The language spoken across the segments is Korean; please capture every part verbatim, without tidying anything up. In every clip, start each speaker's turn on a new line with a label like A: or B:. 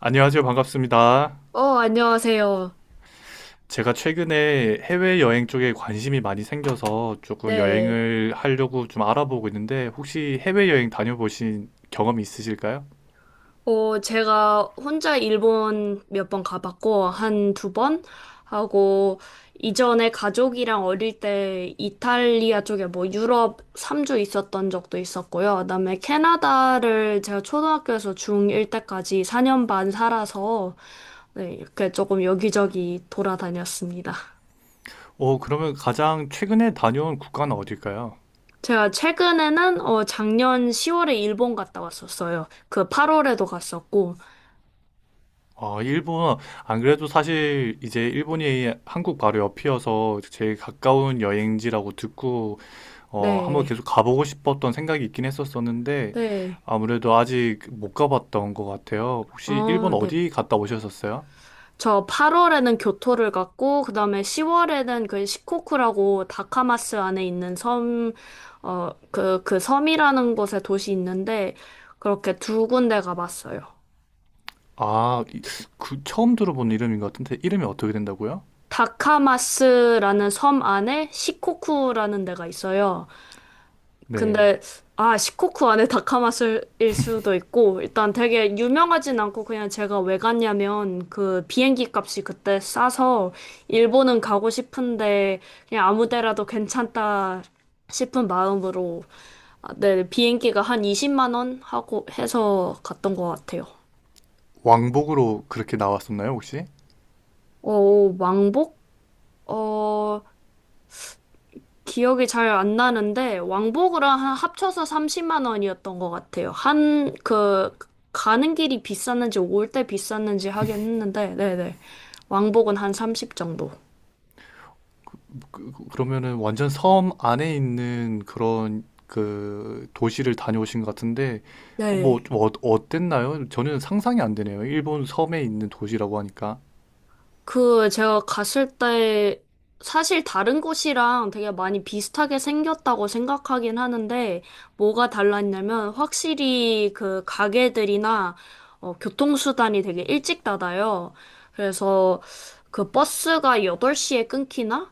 A: 안녕하세요. 반갑습니다.
B: 어, 안녕하세요.
A: 제가 최근에 해외여행 쪽에 관심이 많이 생겨서 조금
B: 네.
A: 여행을 하려고 좀 알아보고 있는데 혹시 해외여행 다녀보신 경험이 있으실까요?
B: 어, 제가 혼자 일본 몇 번 가봤고, 한 두 번 하고, 이전에 가족이랑 어릴 때 이탈리아 쪽에 뭐 유럽 삼 주 있었던 적도 있었고요. 그다음에 캐나다를 제가 초등학교에서 중일 때까지 사 년 반 살아서, 네, 이렇게 조금 여기저기 돌아다녔습니다.
A: 어, 그러면 가장 최근에 다녀온 국가는 어딜까요?
B: 제가 최근에는, 어, 작년 시월에 일본 갔다 왔었어요. 그 팔월에도 갔었고,
A: 아, 일본. 안 그래도 사실 이제 일본이 한국 바로 옆이어서 제일 가까운 여행지라고 듣고 어, 한번
B: 네.
A: 계속 가보고 싶었던 생각이 있긴 했었었는데
B: 네.
A: 아무래도 아직 못 가봤던 것 같아요. 혹시 일본
B: 아, 네.
A: 어디 갔다 오셨었어요?
B: 저 팔월에는 교토를 갔고, 그 다음에 시월에는 그 시코쿠라고 다카마스 안에 있는 섬, 어, 그, 그 섬이라는 곳에 도시 있는데, 그렇게 두 군데 가봤어요.
A: 아, 이- 그 처음 들어본 이름인 것 같은데 이름이 어떻게 된다고요?
B: 다카마스라는 섬 안에 시코쿠라는 데가 있어요.
A: 네.
B: 근데 아 시코쿠 안에 다카마슬일 수도 있고 일단 되게 유명하진 않고 그냥 제가 왜 갔냐면 그 비행기 값이 그때 싸서 일본은 가고 싶은데 그냥 아무 데라도 괜찮다 싶은 마음으로 아, 네 비행기가 한 이십만 원 하고 해서 갔던 것 같아요.
A: 왕복으로 그렇게 나왔었나요, 혹시?
B: 어 왕복? 어 기억이 잘 안 나는데 왕복으로 한 합쳐서 삼십만 원이었던 것 같아요. 한 그 가는 길이 비쌌는지 올 때 비쌌는지 하긴 했는데 네네 왕복은 한 삼십 정도.
A: 그, 그- 그러면은 완전 섬 안에 있는 그런 그 도시를 다녀오신 것 같은데 어,
B: 네.
A: 뭐좀 어, 어땠나요? 저는 상상이 안 되네요. 일본 섬에 있는 도시라고 하니까.
B: 그 제가 갔을 때 사실 다른 곳이랑 되게 많이 비슷하게 생겼다고 생각하긴 하는데 뭐가 달랐냐면 확실히 그 가게들이나 어, 교통수단이 되게 일찍 닫아요. 그래서 그 버스가 여덟 시에 끊기나?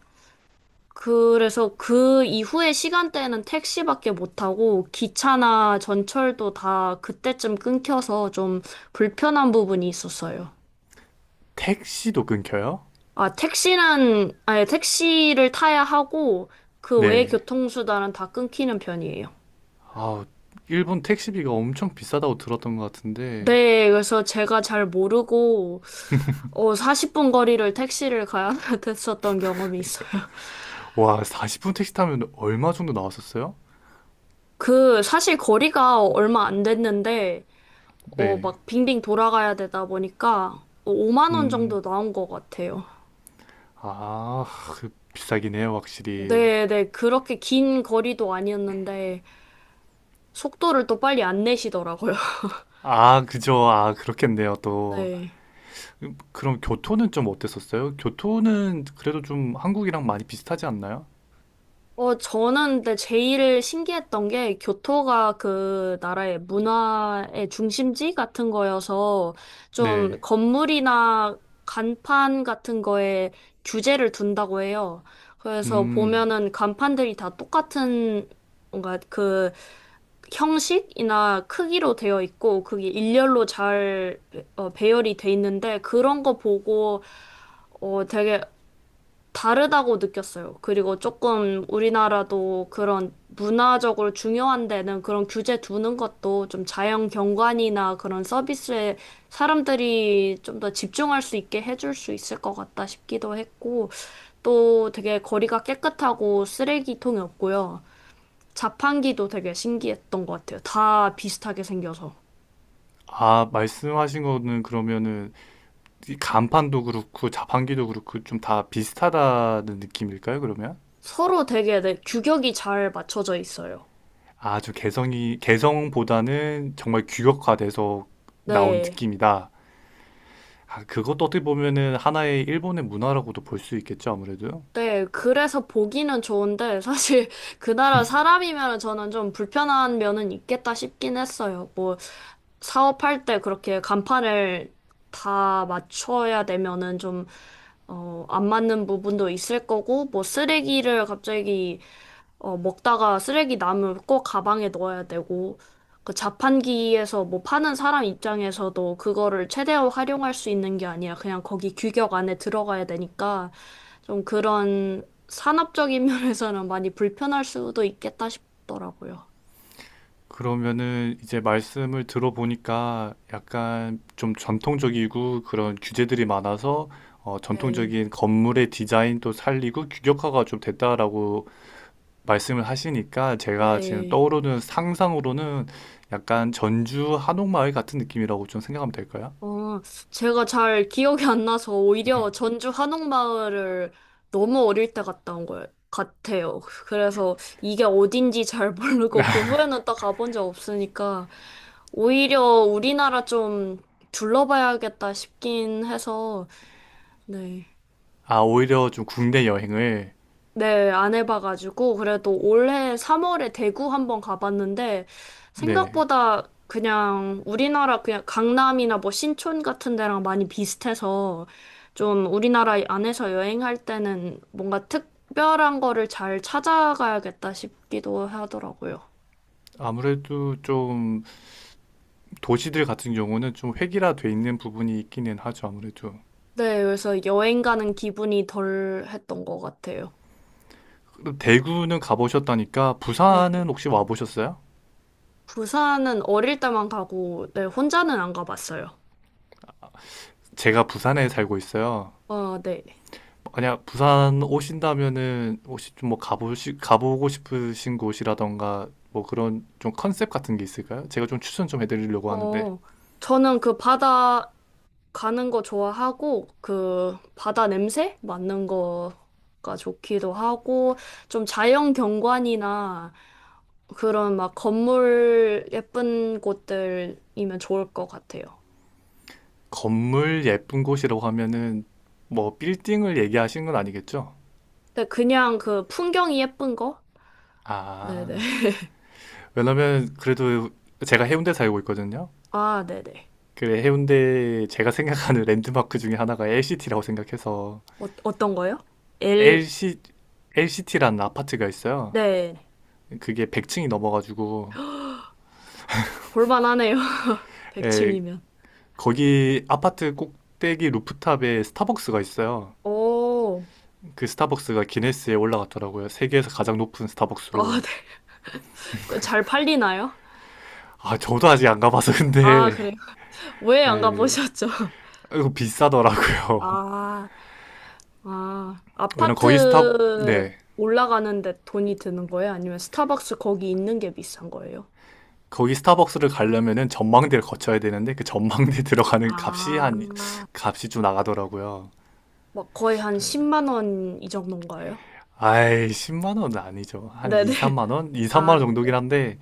B: 그래서 그 이후의 시간대에는 택시밖에 못 타고 기차나 전철도 다 그때쯤 끊겨서 좀 불편한 부분이 있었어요.
A: 택시도 끊겨요?
B: 아, 택시는, 아니, 택시를 타야 하고, 그 외의
A: 네.
B: 교통수단은 다 끊기는 편이에요.
A: 아, 일본 택시비가 엄청 비싸다고 들었던 것 같은데.
B: 네, 그래서 제가 잘 모르고, 어, 사십 분 거리를 택시를 가야 됐었던 경험이 있어요.
A: 와, 사십 분 택시 타면 얼마 정도 나왔었어요?
B: 그, 사실 거리가 얼마 안 됐는데, 어,
A: 네.
B: 막 빙빙 돌아가야 되다 보니까, 오만 원
A: 음.
B: 정도 나온 것 같아요.
A: 아, 그 비싸긴 해요, 확실히.
B: 네, 네, 그렇게 긴 거리도 아니었는데, 속도를 또 빨리 안 내시더라고요.
A: 아, 그죠. 아, 그렇겠네요, 또.
B: 네.
A: 음, 그럼 교토는 좀 어땠었어요? 교토는 그래도 좀 한국이랑 많이 비슷하지 않나요?
B: 어, 저는 근데 제일 신기했던 게 교토가 그 나라의 문화의 중심지 같은 거여서 좀
A: 네.
B: 건물이나 간판 같은 거에 규제를 둔다고 해요. 그래서
A: 음.
B: 보면은 간판들이 다 똑같은 뭔가 그 형식이나 크기로 되어 있고 그게 일렬로 잘 배- 어, 배열이 돼 있는데 그런 거 보고 어 되게 다르다고 느꼈어요. 그리고 조금 우리나라도 그런 문화적으로 중요한 데는 그런 규제 두는 것도 좀 자연 경관이나 그런 서비스에 사람들이 좀 더 집중할 수 있게 해줄 수 있을 것 같다 싶기도 했고, 또 되게 거리가 깨끗하고 쓰레기통이 없고요. 자판기도 되게 신기했던 것 같아요. 다 비슷하게 생겨서.
A: 아, 말씀하신 거는 그러면은 이 간판도 그렇고 자판기도 그렇고 좀 다 비슷하다는 느낌일까요, 그러면?
B: 서로 되게 네, 규격이 잘 맞춰져 있어요.
A: 아주 개성이, 개성보다는 정말 규격화돼서 나온
B: 네.
A: 느낌이다. 아, 그것도 어떻게 보면은 하나의 일본의 문화라고도 볼 수 있겠죠, 아무래도.
B: 네, 그래서 보기는 좋은데, 사실 그 나라 사람이면 저는 좀 불편한 면은 있겠다 싶긴 했어요. 뭐, 사업할 때 그렇게 간판을 다 맞춰야 되면은 좀, 어, 안 맞는 부분도 있을 거고, 뭐, 쓰레기를 갑자기, 어, 먹다가 쓰레기 남을 꼭 가방에 넣어야 되고, 그 자판기에서 뭐 파는 사람 입장에서도 그거를 최대한 활용할 수 있는 게 아니라 그냥 거기 규격 안에 들어가야 되니까, 좀 그런 산업적인 면에서는 많이 불편할 수도 있겠다 싶더라고요.
A: 그러면은 이제 말씀을 들어보니까 약간 좀 전통적이고 그런 규제들이 많아서 어,
B: 네.
A: 전통적인 건물의 디자인도 살리고 규격화가 좀 됐다라고 말씀을 하시니까, 제가 지금
B: 네.
A: 떠오르는 상상으로는 약간 전주 한옥마을 같은 느낌이라고 좀 생각하면 될까요?
B: 어, 제가 잘 기억이 안 나서 오히려 전주 한옥마을을 너무 어릴 때 갔다 온 것 같아요. 그래서 이게 어딘지 잘 모르고 그 후에는 또 가본 적 없으니까 오히려 우리나라 좀 둘러봐야겠다 싶긴 해서 네.
A: 아, 오히려 좀 국내 여행을.
B: 네, 안 해봐가지고, 그래도 올해 삼월에 대구 한번 가봤는데,
A: 네.
B: 생각보다 그냥 우리나라 그냥 강남이나 뭐 신촌 같은 데랑 많이 비슷해서, 좀 우리나라 안에서 여행할 때는 뭔가 특별한 거를 잘 찾아가야겠다 싶기도 하더라고요.
A: 아무래도 좀 도시들 같은 경우는 좀 획일화돼 있는 부분이 있기는 하죠, 아무래도.
B: 네, 그래서 여행 가는 기분이 덜 했던 것 같아요.
A: 그럼 대구는 가보셨다니까
B: 네.
A: 부산은 혹시 와보셨어요?
B: 부산은 어릴 때만 가고, 네, 혼자는 안 가봤어요.
A: 제가 부산에 살고 있어요.
B: 어, 네.
A: 만약 부산 오신다면은 혹시 좀 뭐 가보시 가보고 싶으신 곳이라던가 뭐 그런 좀 컨셉 같은 게 있을까요? 제가 좀 추천 좀 해드리려고 하는데.
B: 어, 저는 그 바다 가는 거 좋아하고, 그 바다 냄새 맡는 거가 좋기도 하고, 좀 자연 경관이나 그런 막 건물 예쁜 곳들이면 좋을 것 같아요.
A: 건물 예쁜 곳이라고 하면은 뭐 빌딩을 얘기하시는 건 아니겠죠?
B: 근데 그냥 그 풍경이 예쁜 거? 네네.
A: 아, 왜냐면 그래도 제가 해운대 살고 있거든요.
B: 아, 네네.
A: 그래, 해운대 제가 생각하는 랜드마크 중에 하나가 엘시티라고 생각해서.
B: 어, 어떤 거요? 엘,
A: 엘시, l t 라는 아파트가 있어요.
B: 네.
A: 그게 백 층이 넘어가지고.
B: 볼만하네요. 백층
A: 에,
B: 이면
A: 거기 아파트 꼭대기 루프탑에 스타벅스가 있어요.
B: 오,
A: 그 스타벅스가 기네스에 올라갔더라고요. 세계에서 가장 높은
B: 아,
A: 스타벅스로.
B: 네. 그거 잘 팔리나요?
A: 아, 저도 아직 안 가봐서
B: 아,
A: 근데,
B: 그래요? 왜 안
A: 에,
B: 가보셨죠?
A: 이거 비싸더라고요.
B: 아, 아,
A: 왜냐면 거기 스타.
B: 아파트를
A: 네.
B: 올라가는데 돈이 드는 거예요? 아니면 스타벅스 거기 있는 게 비싼 거예요?
A: 거기 스타벅스를 가려면은 전망대를 거쳐야 되는데 그 전망대 들어가는 값이 한
B: 아,
A: 값이 좀 나가더라고요.
B: 막 거의 한
A: 그래,
B: 십만 원 이 정도인가요?
A: 아이, 십만 원은 아니죠. 한
B: 네네.
A: 이, 삼만 원? 이, 삼만
B: 아,
A: 원
B: 네네.
A: 정도긴 한데,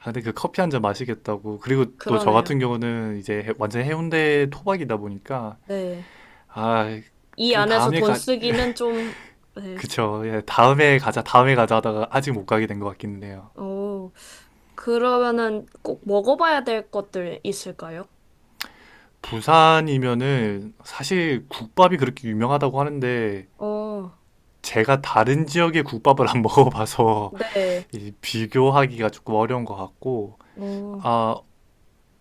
A: 아, 근데 그 커피 한잔 마시겠다고. 그리고 또 저
B: 그러네요.
A: 같은 경우는 이제 해- 완전 해운대 토박이다 보니까,
B: 네.
A: 아,
B: 이
A: 그
B: 안에서
A: 다음에
B: 돈
A: 가,
B: 쓰기는 좀, 네.
A: 그쵸. 예, 다음에 가자, 다음에 가자 하다가 아직 못 가게 된 것 같기는 해요.
B: 오, 그러면은 꼭 먹어봐야 될 것들 있을까요?
A: 부산이면은 사실 국밥이 그렇게 유명하다고 하는데,
B: 어,
A: 제가 다른 지역의 국밥을 안 먹어봐서
B: 네.
A: 이 비교하기가 조금 어려운 것 같고,
B: 어,
A: 아,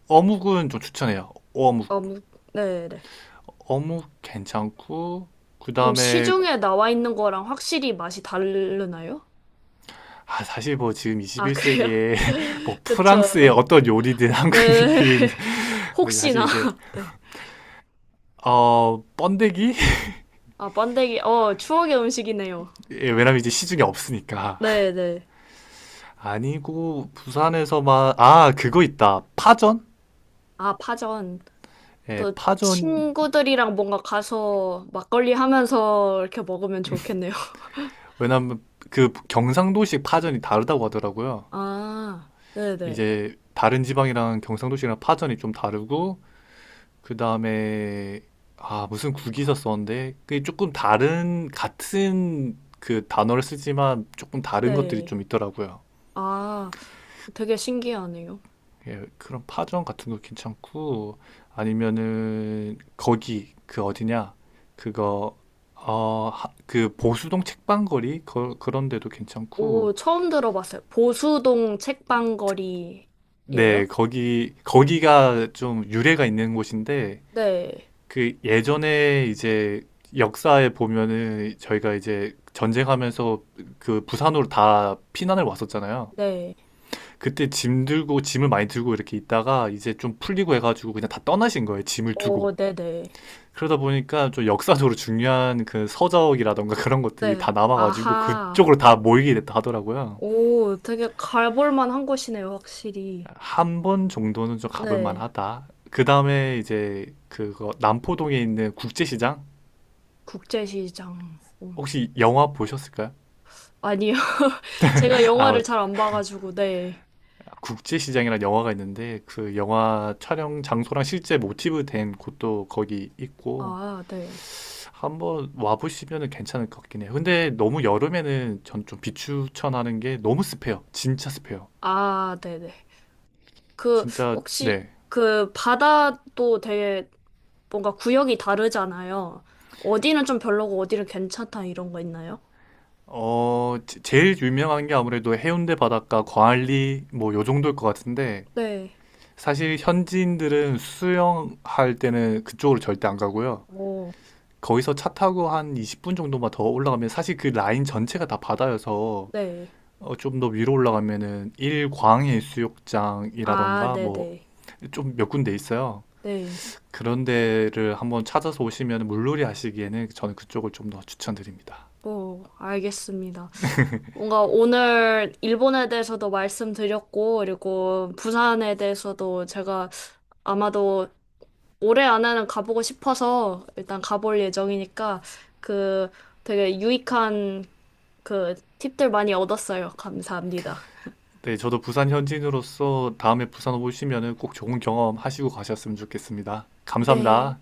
A: 어묵은 좀 추천해요. 어묵.
B: 아무, 네네.
A: 어묵 괜찮고, 그
B: 그럼
A: 다음에,
B: 시중에 나와 있는 거랑 확실히 맛이 다르나요?
A: 아, 사실 뭐 지금
B: 아, 그래요?
A: 이십일 세기에 뭐 프랑스의
B: 그쵸.
A: 어떤 요리든
B: 네.
A: 한국인. 사실
B: 혹시나.
A: 이제,
B: 네.
A: 어, 번데기?
B: 아, 번데기. 어, 추억의 음식이네요.
A: 예, 왜냐면 이제 시중에 없으니까.
B: 네네.
A: 아니고, 부산에서만, 아, 그거 있다. 파전?
B: 아, 파전.
A: 예,
B: 또
A: 파전.
B: 친구들이랑 뭔가 가서 막걸리 하면서 이렇게 먹으면 좋겠네요.
A: 왜냐면 그 경상도식 파전이 다르다고 하더라고요.
B: 아, 네네. 네.
A: 이제 다른 지방이랑 경상도식이랑 파전이 좀 다르고, 그 다음에 아, 무슨 국이서 썼는데 그게 조금 다른, 같은 그 단어를 쓰지만 조금 다른 것들이
B: 네.
A: 좀 있더라고요.
B: 아, 되게 신기하네요.
A: 예, 그런 파전 같은 거 괜찮고, 아니면은 거기 그 어디냐 그거, 어 그 보수동 책방거리, 거, 그런 데도
B: 오,
A: 괜찮고.
B: 처음 들어봤어요. 보수동 책방거리예요?
A: 네, 거기 거기가 좀 유래가 있는 곳인데,
B: 네.
A: 그 예전에 이제 역사에 보면은 저희가 이제 전쟁하면서 그 부산으로 다 피난을 왔었잖아요.
B: 네.
A: 그때 짐 들고 짐을 많이 들고 이렇게 있다가 이제 좀 풀리고 해가지고 그냥 다 떠나신 거예요. 짐을
B: 오,
A: 두고.
B: 네네.
A: 그러다 보니까 좀 역사적으로 중요한 그 서적이라던가 그런 것들이
B: 네.
A: 다 남아가지고
B: 아하.
A: 그쪽으로 다 모이게 됐다 하더라고요.
B: 오, 되게 가볼 만한 곳이네요, 확실히.
A: 한 번 정도는 좀 가볼
B: 네.
A: 만하다. 그 다음에 이제 그거, 남포동에 있는 국제시장?
B: 국제시장. 음.
A: 혹시 영화 보셨을까요?
B: 아니요. 제가
A: 아,
B: 영화를 잘 안 봐가지고, 네.
A: 국제시장이라는 영화가 있는데 그 영화 촬영 장소랑 실제 모티브 된 곳도 거기 있고,
B: 아, 네.
A: 한번 와보시면은 괜찮을 것 같긴 해요. 근데 너무 여름에는 전 좀 비추천하는 게, 너무 습해요. 진짜 습해요.
B: 아, 네네. 그,
A: 진짜.
B: 혹시,
A: 네.
B: 그, 바다도 되게 뭔가 구역이 다르잖아요. 어디는 좀 별로고, 어디는 괜찮다, 이런 거 있나요?
A: 어 제- 제일 유명한 게 아무래도 해운대 바닷가, 광안리 뭐 요 정도일 것 같은데,
B: 네.
A: 사실 현지인들은 수영할 때는 그쪽으로 절대 안 가고요.
B: 오,
A: 거기서 차 타고 한 이십 분 정도만 더 올라가면 사실 그 라인 전체가 다 바다여서
B: 네.
A: 어, 좀 더 위로 올라가면은 일광해
B: 아,
A: 수욕장이라던가 뭐
B: 네네.
A: 좀 몇 군데 있어요.
B: 네.
A: 그런 데를 한번 찾아서 오시면 물놀이 하시기에는 저는 그쪽을 좀 더 추천드립니다.
B: 오, 알겠습니다. 뭔가 오늘 일본에 대해서도 말씀드렸고, 그리고 부산에 대해서도 제가 아마도 올해 안에는 가보고 싶어서 일단 가볼 예정이니까 그 되게 유익한 그 팁들 많이 얻었어요. 감사합니다.
A: 네, 저도 부산 현지인으로서 다음에 부산 오시면은 꼭 좋은 경험 하시고 가셨으면 좋겠습니다.
B: 네.
A: 감사합니다.